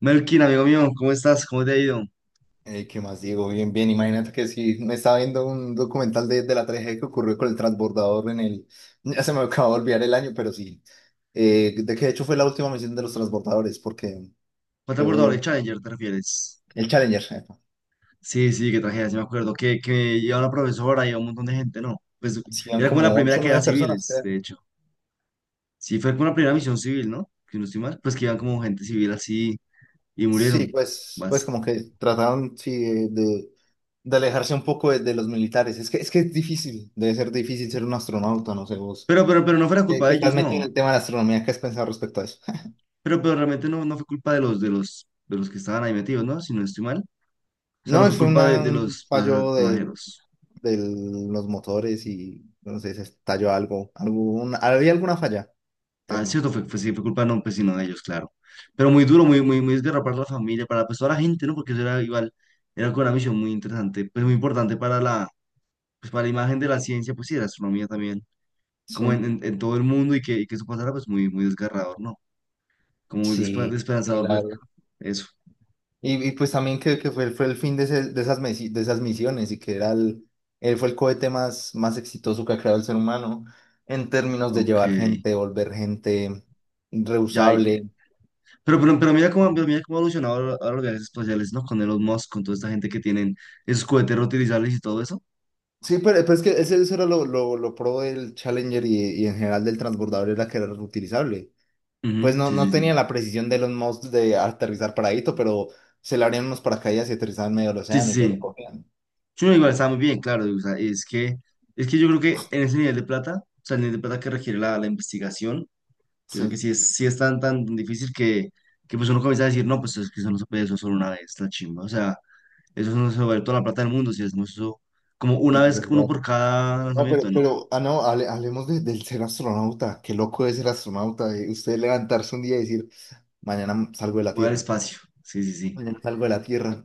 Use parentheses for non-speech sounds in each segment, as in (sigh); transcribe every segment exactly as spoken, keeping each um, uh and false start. Melkin, amigo mío, ¿cómo estás? ¿Cómo te ha ido? Eh, ¿qué más digo? Bien, bien. Imagínate que sí me estaba viendo un documental de, de la tragedia que ocurrió con el transbordador en el... Ya se me (laughs) acaba de olvidar el año, pero sí. Eh, de que de hecho fue la última misión de los transbordadores, porque ¿Fue transbordador fue de Challenger, te refieres? el Challenger. eh, Sí, sí, qué tragedia, sí me acuerdo. Que, que iba una profesora y un montón de gente, ¿no? Pues Sí, eran era como la como primera ocho o que era nueve personas, civiles, creo. de hecho. Sí, fue como la primera misión civil, ¿no? Que no estoy mal, pues que iban como gente civil así y Sí, murieron. pues, pues Vas. como que trataron sí, de, de- de alejarse un poco de, de los militares. Es que, es que es difícil, debe ser difícil ser un astronauta, no sé vos. Pero, pero, pero no fue la Que, culpa que de estás ellos, metido no. en el tema de la astronomía, ¿qué has pensado respecto a eso? (laughs) Pero, pero realmente no, no fue culpa de los, de los, de los que estaban ahí metidos, ¿no? Si no estoy mal. O sea, no No, fue fue culpa de, una- de un los pasa- fallo de, pasajeros. de los motores y no sé, se estalló algo, algún, había alguna falla Ah, es interna. cierto, fue, fue- sí, fue culpa no, pues, sino de ellos, claro. Pero muy duro, muy, muy, muy desgarrador para la familia, para pues, toda la gente, ¿no? Porque eso era igual, era con una misión muy interesante, pues muy importante para la, pues, para la imagen de la ciencia, pues sí, de la astronomía también, Sí, como en, en, en todo el mundo y que, y que eso pasara, pues muy, muy desgarrador, ¿no? Como muy despe- sí, sí, desesperanzador la ver verdad. eso. Y, y pues también que, que fue, fue el fin de, ese- de, esas misi- de esas misiones y que era el, él fue el cohete más, más exitoso que ha creado el ser humano en términos de Ok, llevar gente, volver gente ya. Hay. reusable. Pero, pero, pero mira cómo, pero mira cómo ha evolucionado ahora ahora los viajes espaciales, ¿no? Con Elon Musk, con toda esta gente que tienen esos cohetes reutilizables y todo eso. Sí, pero, pero es que ese, eso era lo, lo, lo pro del Challenger y, y en general del transbordador era que era reutilizable. Pues Ujú, no, sí, sí, no tenía sí. la precisión de Elon Musk de aterrizar paradito, pero se le abrían unos paracaídas y aterrizaban en medio del Sí, océano sí, y lo sí. recogían. Sí, no, igual está muy bien, claro. O sea, es que, es que yo creo que en ese nivel de plata, o sea, el nivel de plata que requiere la, la investigación, yo creo que Sí, sí es, sí es tan, tan difícil que, que pues uno comienza a decir, no, pues es que eso no se puede, eso solo una vez, la chimba. O sea, eso no se vale toda la plata del mundo, si hacemos eso como una es vez, uno verdad. por cada No, pero, lanzamiento, no, pero, ah, no, hable- hablemos de- del ser astronauta. Qué loco es ser astronauta. De usted levantarse un día y decir, mañana salgo de la voy al Tierra. espacio. Sí, sí, sí. Mañana salgo de la Tierra.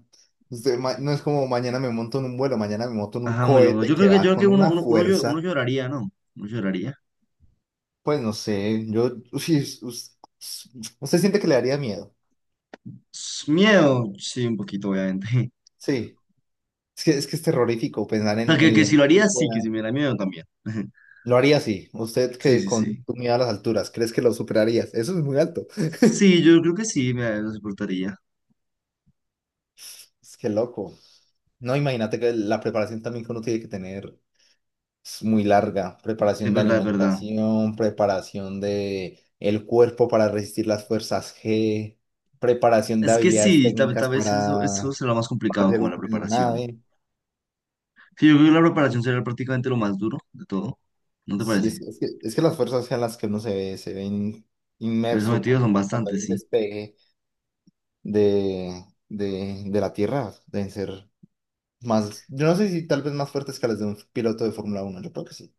Usted, ma- no es como mañana me monto en un vuelo, mañana me monto en un Ajá, muy bueno, cohete yo creo que que, yo va creo que con uno, una uno, uno, llo- uno fuerza. lloraría, ¿no? Uno lloraría. Pues no sé, yo, sí, us- us- usted siente que le daría miedo. S- Miedo, sí, un poquito, obviamente. (laughs) Sí. Es que, es que es terrorífico pensar O en, sea, que, en que si lo el haría, tipo sí, que si de... me da miedo también. (laughs) Lo haría así. Usted Sí, que sí, con sí. tu miedo a las alturas, ¿crees que lo superarías? Eso es muy alto. Sí, yo creo que sí, me lo soportaría. Es que loco. No, imagínate que la preparación también que uno tiene que tener es muy larga. Es Preparación de verdad, es verdad. alimentación, preparación de el cuerpo para resistir las fuerzas G, preparación de Es que habilidades sí, tal, tal técnicas vez eso, eso para, será lo más para complicado, ser como la útil en la preparación. nave. Sí, yo creo que la preparación será prácticamente lo más duro de todo. ¿No te Sí, es, parece? es que, es que las fuerzas G a las que uno se ve, se ven Ser inmerso sometidos cuando, son cuando hay bastantes, un sí. despegue de, de, de la Tierra deben ser más, yo no sé si tal vez más fuertes que las de un piloto de Fórmula uno, yo creo que sí.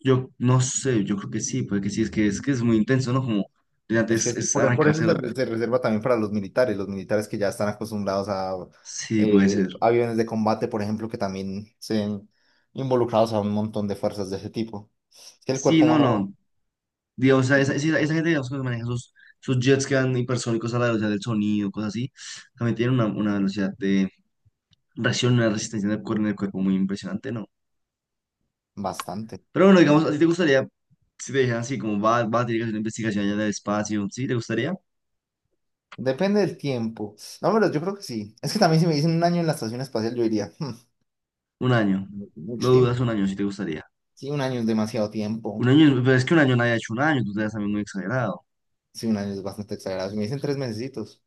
Yo no sé, yo creo que sí, puede que sí, es que es que es muy intenso, ¿no? Como de Es que antes sí, es por, por eso arrancarse la… se, re- se reserva también para los militares, los militares que ya están acostumbrados a Sí, puede ser. eh, aviones de combate, por ejemplo, que también se ven involucrados a un montón de fuerzas de ese tipo. Es que el Sí, cuerpo no, no. humano, Digamos, esa, esa, esa- esa gente, digamos, que maneja esos, esos jets que van hipersónicos a la velocidad del sonido, cosas así, también tienen una, una velocidad de reacciona una resistencia en el cuerpo, en el cuerpo muy impresionante, ¿no? bastante. Pero bueno, digamos, ¿a ti te gustaría, si te dijeran así, como vas, vas a tener que hacer una investigación allá del espacio, ¿sí? ¿Te gustaría? Depende del tiempo. No, pero yo creo que sí. Es que también si me dicen un año en la estación espacial, yo diría, "Hmm, Un año. Lo mucho tiempo". dudas un año, si te gustaría. Sí, un año es demasiado Un tiempo. año, es- pero es que un año nadie ha hecho un año, tú te das también muy exagerado. Sí, un año es bastante exagerado. Si me dicen tres mesecitos,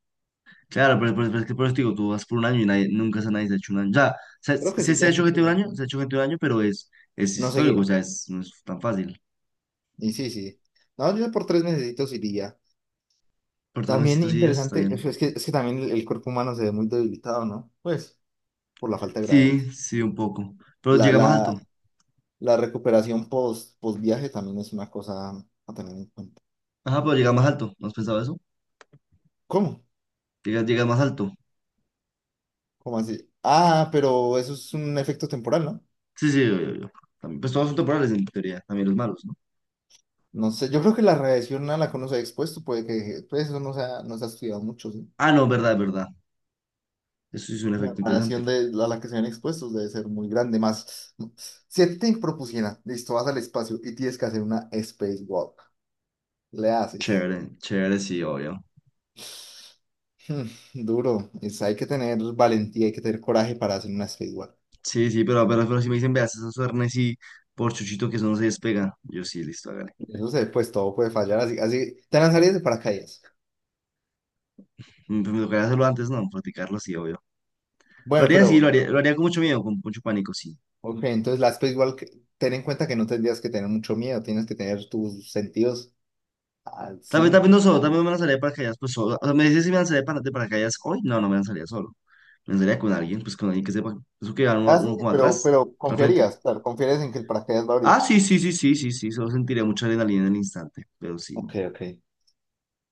Claro, pero, pero- pero es que por eso te digo, tú vas por un año y nadie, nunca se, nadie se ha hecho un año. O sea, se, creo que se, sí, se ya ha dije hecho gente tres un años. año, se ha hecho gente un año, pero es, es No histórico, seguir. o sea, es, no es tan fácil. Y sí, sí. No, yo por tres mesecitos iría. Por tres También mesecitos y días, está interesante, bien. es que, es que también el, el cuerpo humano se ve muy debilitado, ¿no? Pues, por la falta de gravedad. Sí, sí, un poco. Pero La, llega la, más alto. la recuperación post, post viaje también es una cosa a tener en cuenta. Ajá, pero llega más alto. ¿No has pensado eso? ¿Cómo? Llega, llega más alto. ¿Cómo así? Ah, pero eso es un efecto temporal, ¿no? Sí, sí, yo, yo, yo. También, pues todos son temporales en teoría, también los malos, ¿no? No sé, yo creo que la radiación a la que uno se ha expuesto puede que, pues eso no se ha, no se ha estudiado mucho, ¿sí? Ah, no, verdad, verdad. Eso sí es un La efecto interesante. radiación de, a la que se ven expuestos debe ser muy grande. Más, si a ti te propusieran, listo, vas al espacio y tienes que hacer una spacewalk, le haces. Chévere, (laughs) chévere, sí, obvio. Hmm, duro. Es- hay que tener valentía, hay que tener coraje para hacer una spacewalk. Sí, sí, pero, pero, pero si me dicen, veas, esos suernes y por chuchito que eso no se despega. Yo sí, listo, hágale. Eso se, pues todo puede fallar, así, así te lanzarías de paracaídas. Mm, pero me tocaría hacerlo antes, no, practicarlo, sí, obvio. Lo Bueno, haría, sí, pero, lo haría, lo haría con mucho miedo, con mucho pánico, sí. ok, entonces la spacewalk, ten en cuenta que no tendrías que tener mucho miedo, tienes que tener tus sentidos al Tal vez, tal vez no cinco solo, tal vez no me lanzaría de paracaídas, pues solo. O sea, me dices si me lanzaría de para- de paracaídas hoy, no, no me lanzaría solo. Me lanzaría con alguien, pues con alguien que sepa, eso que va uno, Ah, sí, uno sí, como pero, atrás, pero al frente. confiarías, claro, confiarías en que el paracaídas va a Ah, abrir. sí, sí, sí, sí, sí, sí, solo sentiré mucha adrenalina en el instante, pero sí. Ok, ok.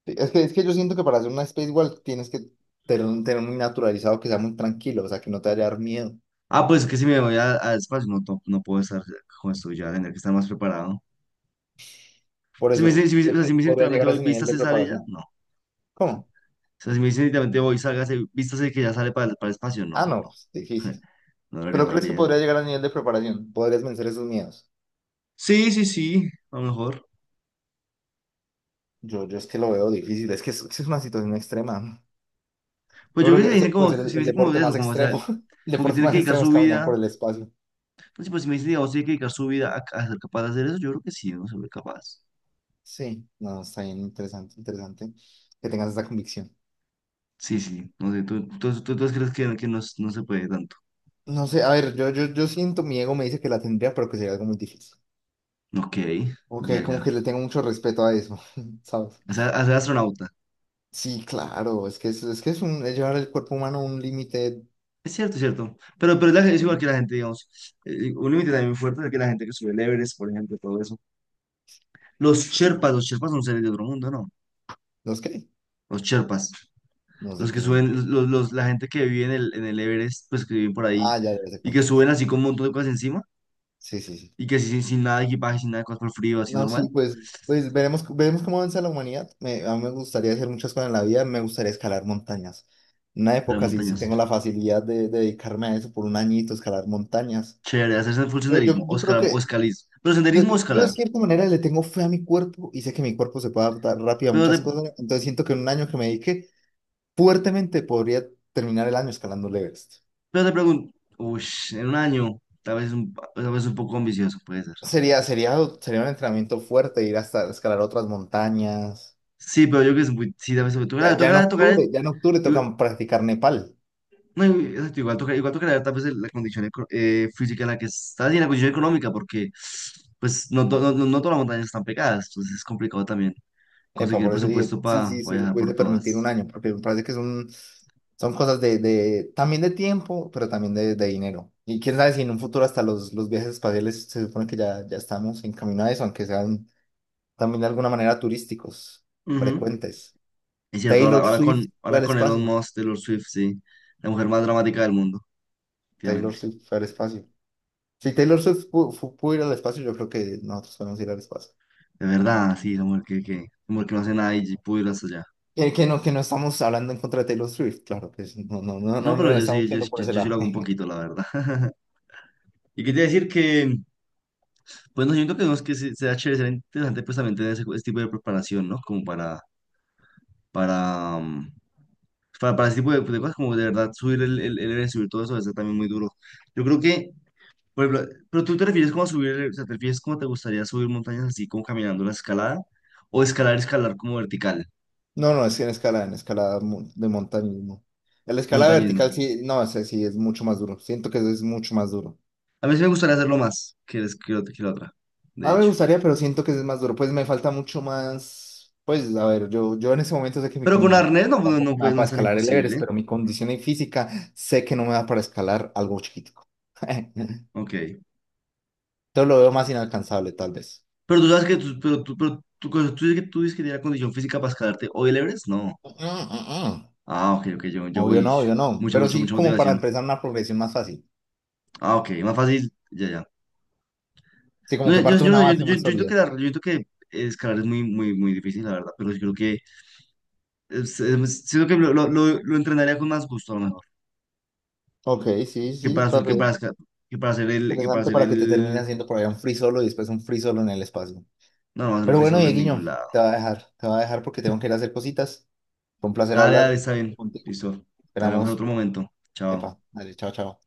Sí, Es que, es que yo siento que para hacer una space walk tienes que tener, un- tener muy naturalizado que sea muy tranquilo, o sea, que no te vaya a dar miedo. Ah, pues es que si me voy a- al espacio no, no, no puedo estar con esto ya, tendré que estar más preparado. Por Si me dicen, eso, si me, dicen- o ¿crees sea, que si me dicen podría literalmente llegar a voy, ese nivel de vístase, sale ya, preparación? no. O ¿Cómo? sea, si me dicen literalmente voy, sálgase, vístase que ya sale para, el- para el espacio, no, Ah, no, pues, difícil. no lo haría, ¿Pero no lo crees que haría. podría llegar al nivel de preparación? ¿Podrías vencer esos miedos? Sí, sí, sí, a lo mejor. Yo, yo es que lo veo difícil, es que es, es una situación extrema. Pues Yo yo creo creo que si que me ese dicen puede como, ser si el, me el dicen como deporte eso, más como, o sea, extremo. (laughs) El como que deporte tiene que más dedicar extremo es su caminar por vida, el espacio. pues, sí, pues si me dicen, digamos, tiene que dedicar su vida a, a ser capaz de hacer eso, yo creo que sí, no soy capaz. Sí, no, está bien, interesante, interesante que tengas esa convicción. Sí, sí, no sé, tú, tú, tú, tú crees que, que no, no se puede tanto. No sé, a ver, yo, yo, yo siento, mi ego me dice que la tendría, pero que sería algo muy difícil. Ok, Ok, ya, como ya. que le tengo mucho respeto a eso, (laughs) ¿sabes? O sea, a ser astronauta. Sí, claro, es que es, es que es un es llevar el cuerpo humano a un límite, Es cierto, es cierto. Pero, pero es, la- es igual que la gente, digamos. Eh, un límite también muy fuerte es que la gente que sube el Everest, por ejemplo, todo eso. Los Sherpas, los Sherpas son seres de otro mundo, ¿no? no es qué, Los Sherpas. no sé Los que qué son. suben, los, los- la gente que vive en el, en el Everest, pues que viven por ahí Ah, ya, ya sé y que cuáles son. suben así con un montón de cosas encima Sí, sí, sí. y que sí, sin, sin nada de equipaje, sin nada de cosas por frío, así No, normal, sí, pues, pues veremos, veremos cómo avanza la humanidad. Me, a mí me gustaría hacer muchas cosas en la vida, me gustaría escalar montañas. En una de las época sí, sí montañas. tengo la facilidad de, de dedicarme a eso por un añito, escalar montañas. Chévere, hacerse full Yo, yo, senderismo, o yo creo escalar, o que escalismo. Pero Yo, senderismo o yo- yo de escalar. cierta manera le tengo fe a mi cuerpo y sé que mi cuerpo se puede adaptar rápido a Pero muchas de- cosas, entonces siento que en un año que me dedique fuertemente podría terminar el año escalando el Everest. Pero te pregunto, uy, en un año, tal vez un, pa- tal vez un poco ambicioso, puede ser. Sería, sería, sería un entrenamiento fuerte ir hasta escalar otras montañas. Sí, pero yo creo que es muy, sí, tal vez Ya, tocará, ya en tocará, tocará, octubre, ya en octubre igual- toca practicar Nepal. no, igual- exacto, igual tocará, igual tocará tal vez el- la condición eco- eh, física en la que estás y en la condición económica, porque pues no, to- no, no, no todas las montañas están pegadas, entonces es complicado también Epa, conseguir por eso dije, presupuesto sí, para sí, sí, se viajar por puede permitir un todas. año, porque me parece que es un- son cosas de, de, también de tiempo, pero también de, de dinero. Y quién sabe si en un futuro hasta los, los viajes espaciales se supone que ya, ya estamos en camino a eso, aunque sean también de alguna manera turísticos, Ujú. frecuentes. Es cierto, ahora, Taylor ahora Swift con, fue ahora al con Elon espacio. Musk, Taylor Swift, sí, la mujer más dramática del mundo, Taylor efectivamente. Swift fue al espacio. Si Taylor Swift pu- fu- pudo ir al espacio, yo creo que nosotros podemos ir al espacio. De verdad, sí, la mujer que, que, la mujer que no hace nada y pudo ir hasta allá. Que, que no, que no estamos hablando en contra de Taylor Swift, claro que es- no, no, no, No, no, no pero lo yo estamos sí, yo, yo- diciendo por ese yo sí lo lado. hago un (laughs) poquito, la verdad. (laughs) Y quería decir que, pues no siento que, no es que se- sea chévere, sea interesante pues también tener ese, ese tipo de preparación, ¿no? Como para, para, mm, para, para ese tipo de, de cosas, como de verdad subir el, el, el Everest, subir todo eso, debe ser también muy duro. Yo creo que, por ejemplo, pero tú te refieres como a subir, el- o sea, te refieres como te gustaría subir montañas así como caminando la escalada, o escalar, escalar como vertical, No, no, es que en escala, en escala mu- de montañismo. En la escala montañismo. vertical sí, no, ese sí es mucho más duro. Siento que es mucho más duro. A mí sí me gustaría hacerlo más que, es- que, ot- que la otra, de Ah, me hecho. gustaría, pero siento que es más duro. Pues me falta mucho más. Pues a ver, yo, yo en ese momento sé que mi Pero con condición arnés no, no, no, tampoco me pues, da no para es tan escalar el Everest, imposible. pero mi condición en física sé que no me da para escalar algo chiquitico. (laughs) Entonces Ok. lo veo más inalcanzable, tal vez. Pero tú sabes que tú, pero tú, pero tú, cosa- tú dices que tú dices que tienes la condición física para escalarte hoy el Everest. No. Mm, mm, mm. Ah, ok, ok, yo, yo Obvio voy. no, Ush, obvio no. mucha, Pero mucha, sí mucha como para motivación. empezar una progresión más fácil. Ah, ok, más fácil. Ya, ya. Sí, como No, que yo, parte de yo, no una sé, yo, base yo, más yo siento sólida. que, la- yo siento que escalar es muy, muy, muy difícil, la verdad. Pero yo creo que, es- es- siento que lo, lo, lo- lo entrenaría con más gusto, a lo mejor. Ok, sí, Que sí, para, su- tal que para, vez. esca- que para hacer el, que para Interesante hacer para que te termine el. haciendo por allá un free solo y después un free solo en el espacio. No, no va a hacer un Pero free bueno, solo en Dieguiño, ningún te lado. va a dejar, te va a dejar porque tengo que ir a hacer cositas. Fue un placer Dale, dale, hablar está bien. contigo. Listo. Dale, vamos en otro Esperamos. momento. Chao. Epa, dale, chao, chao.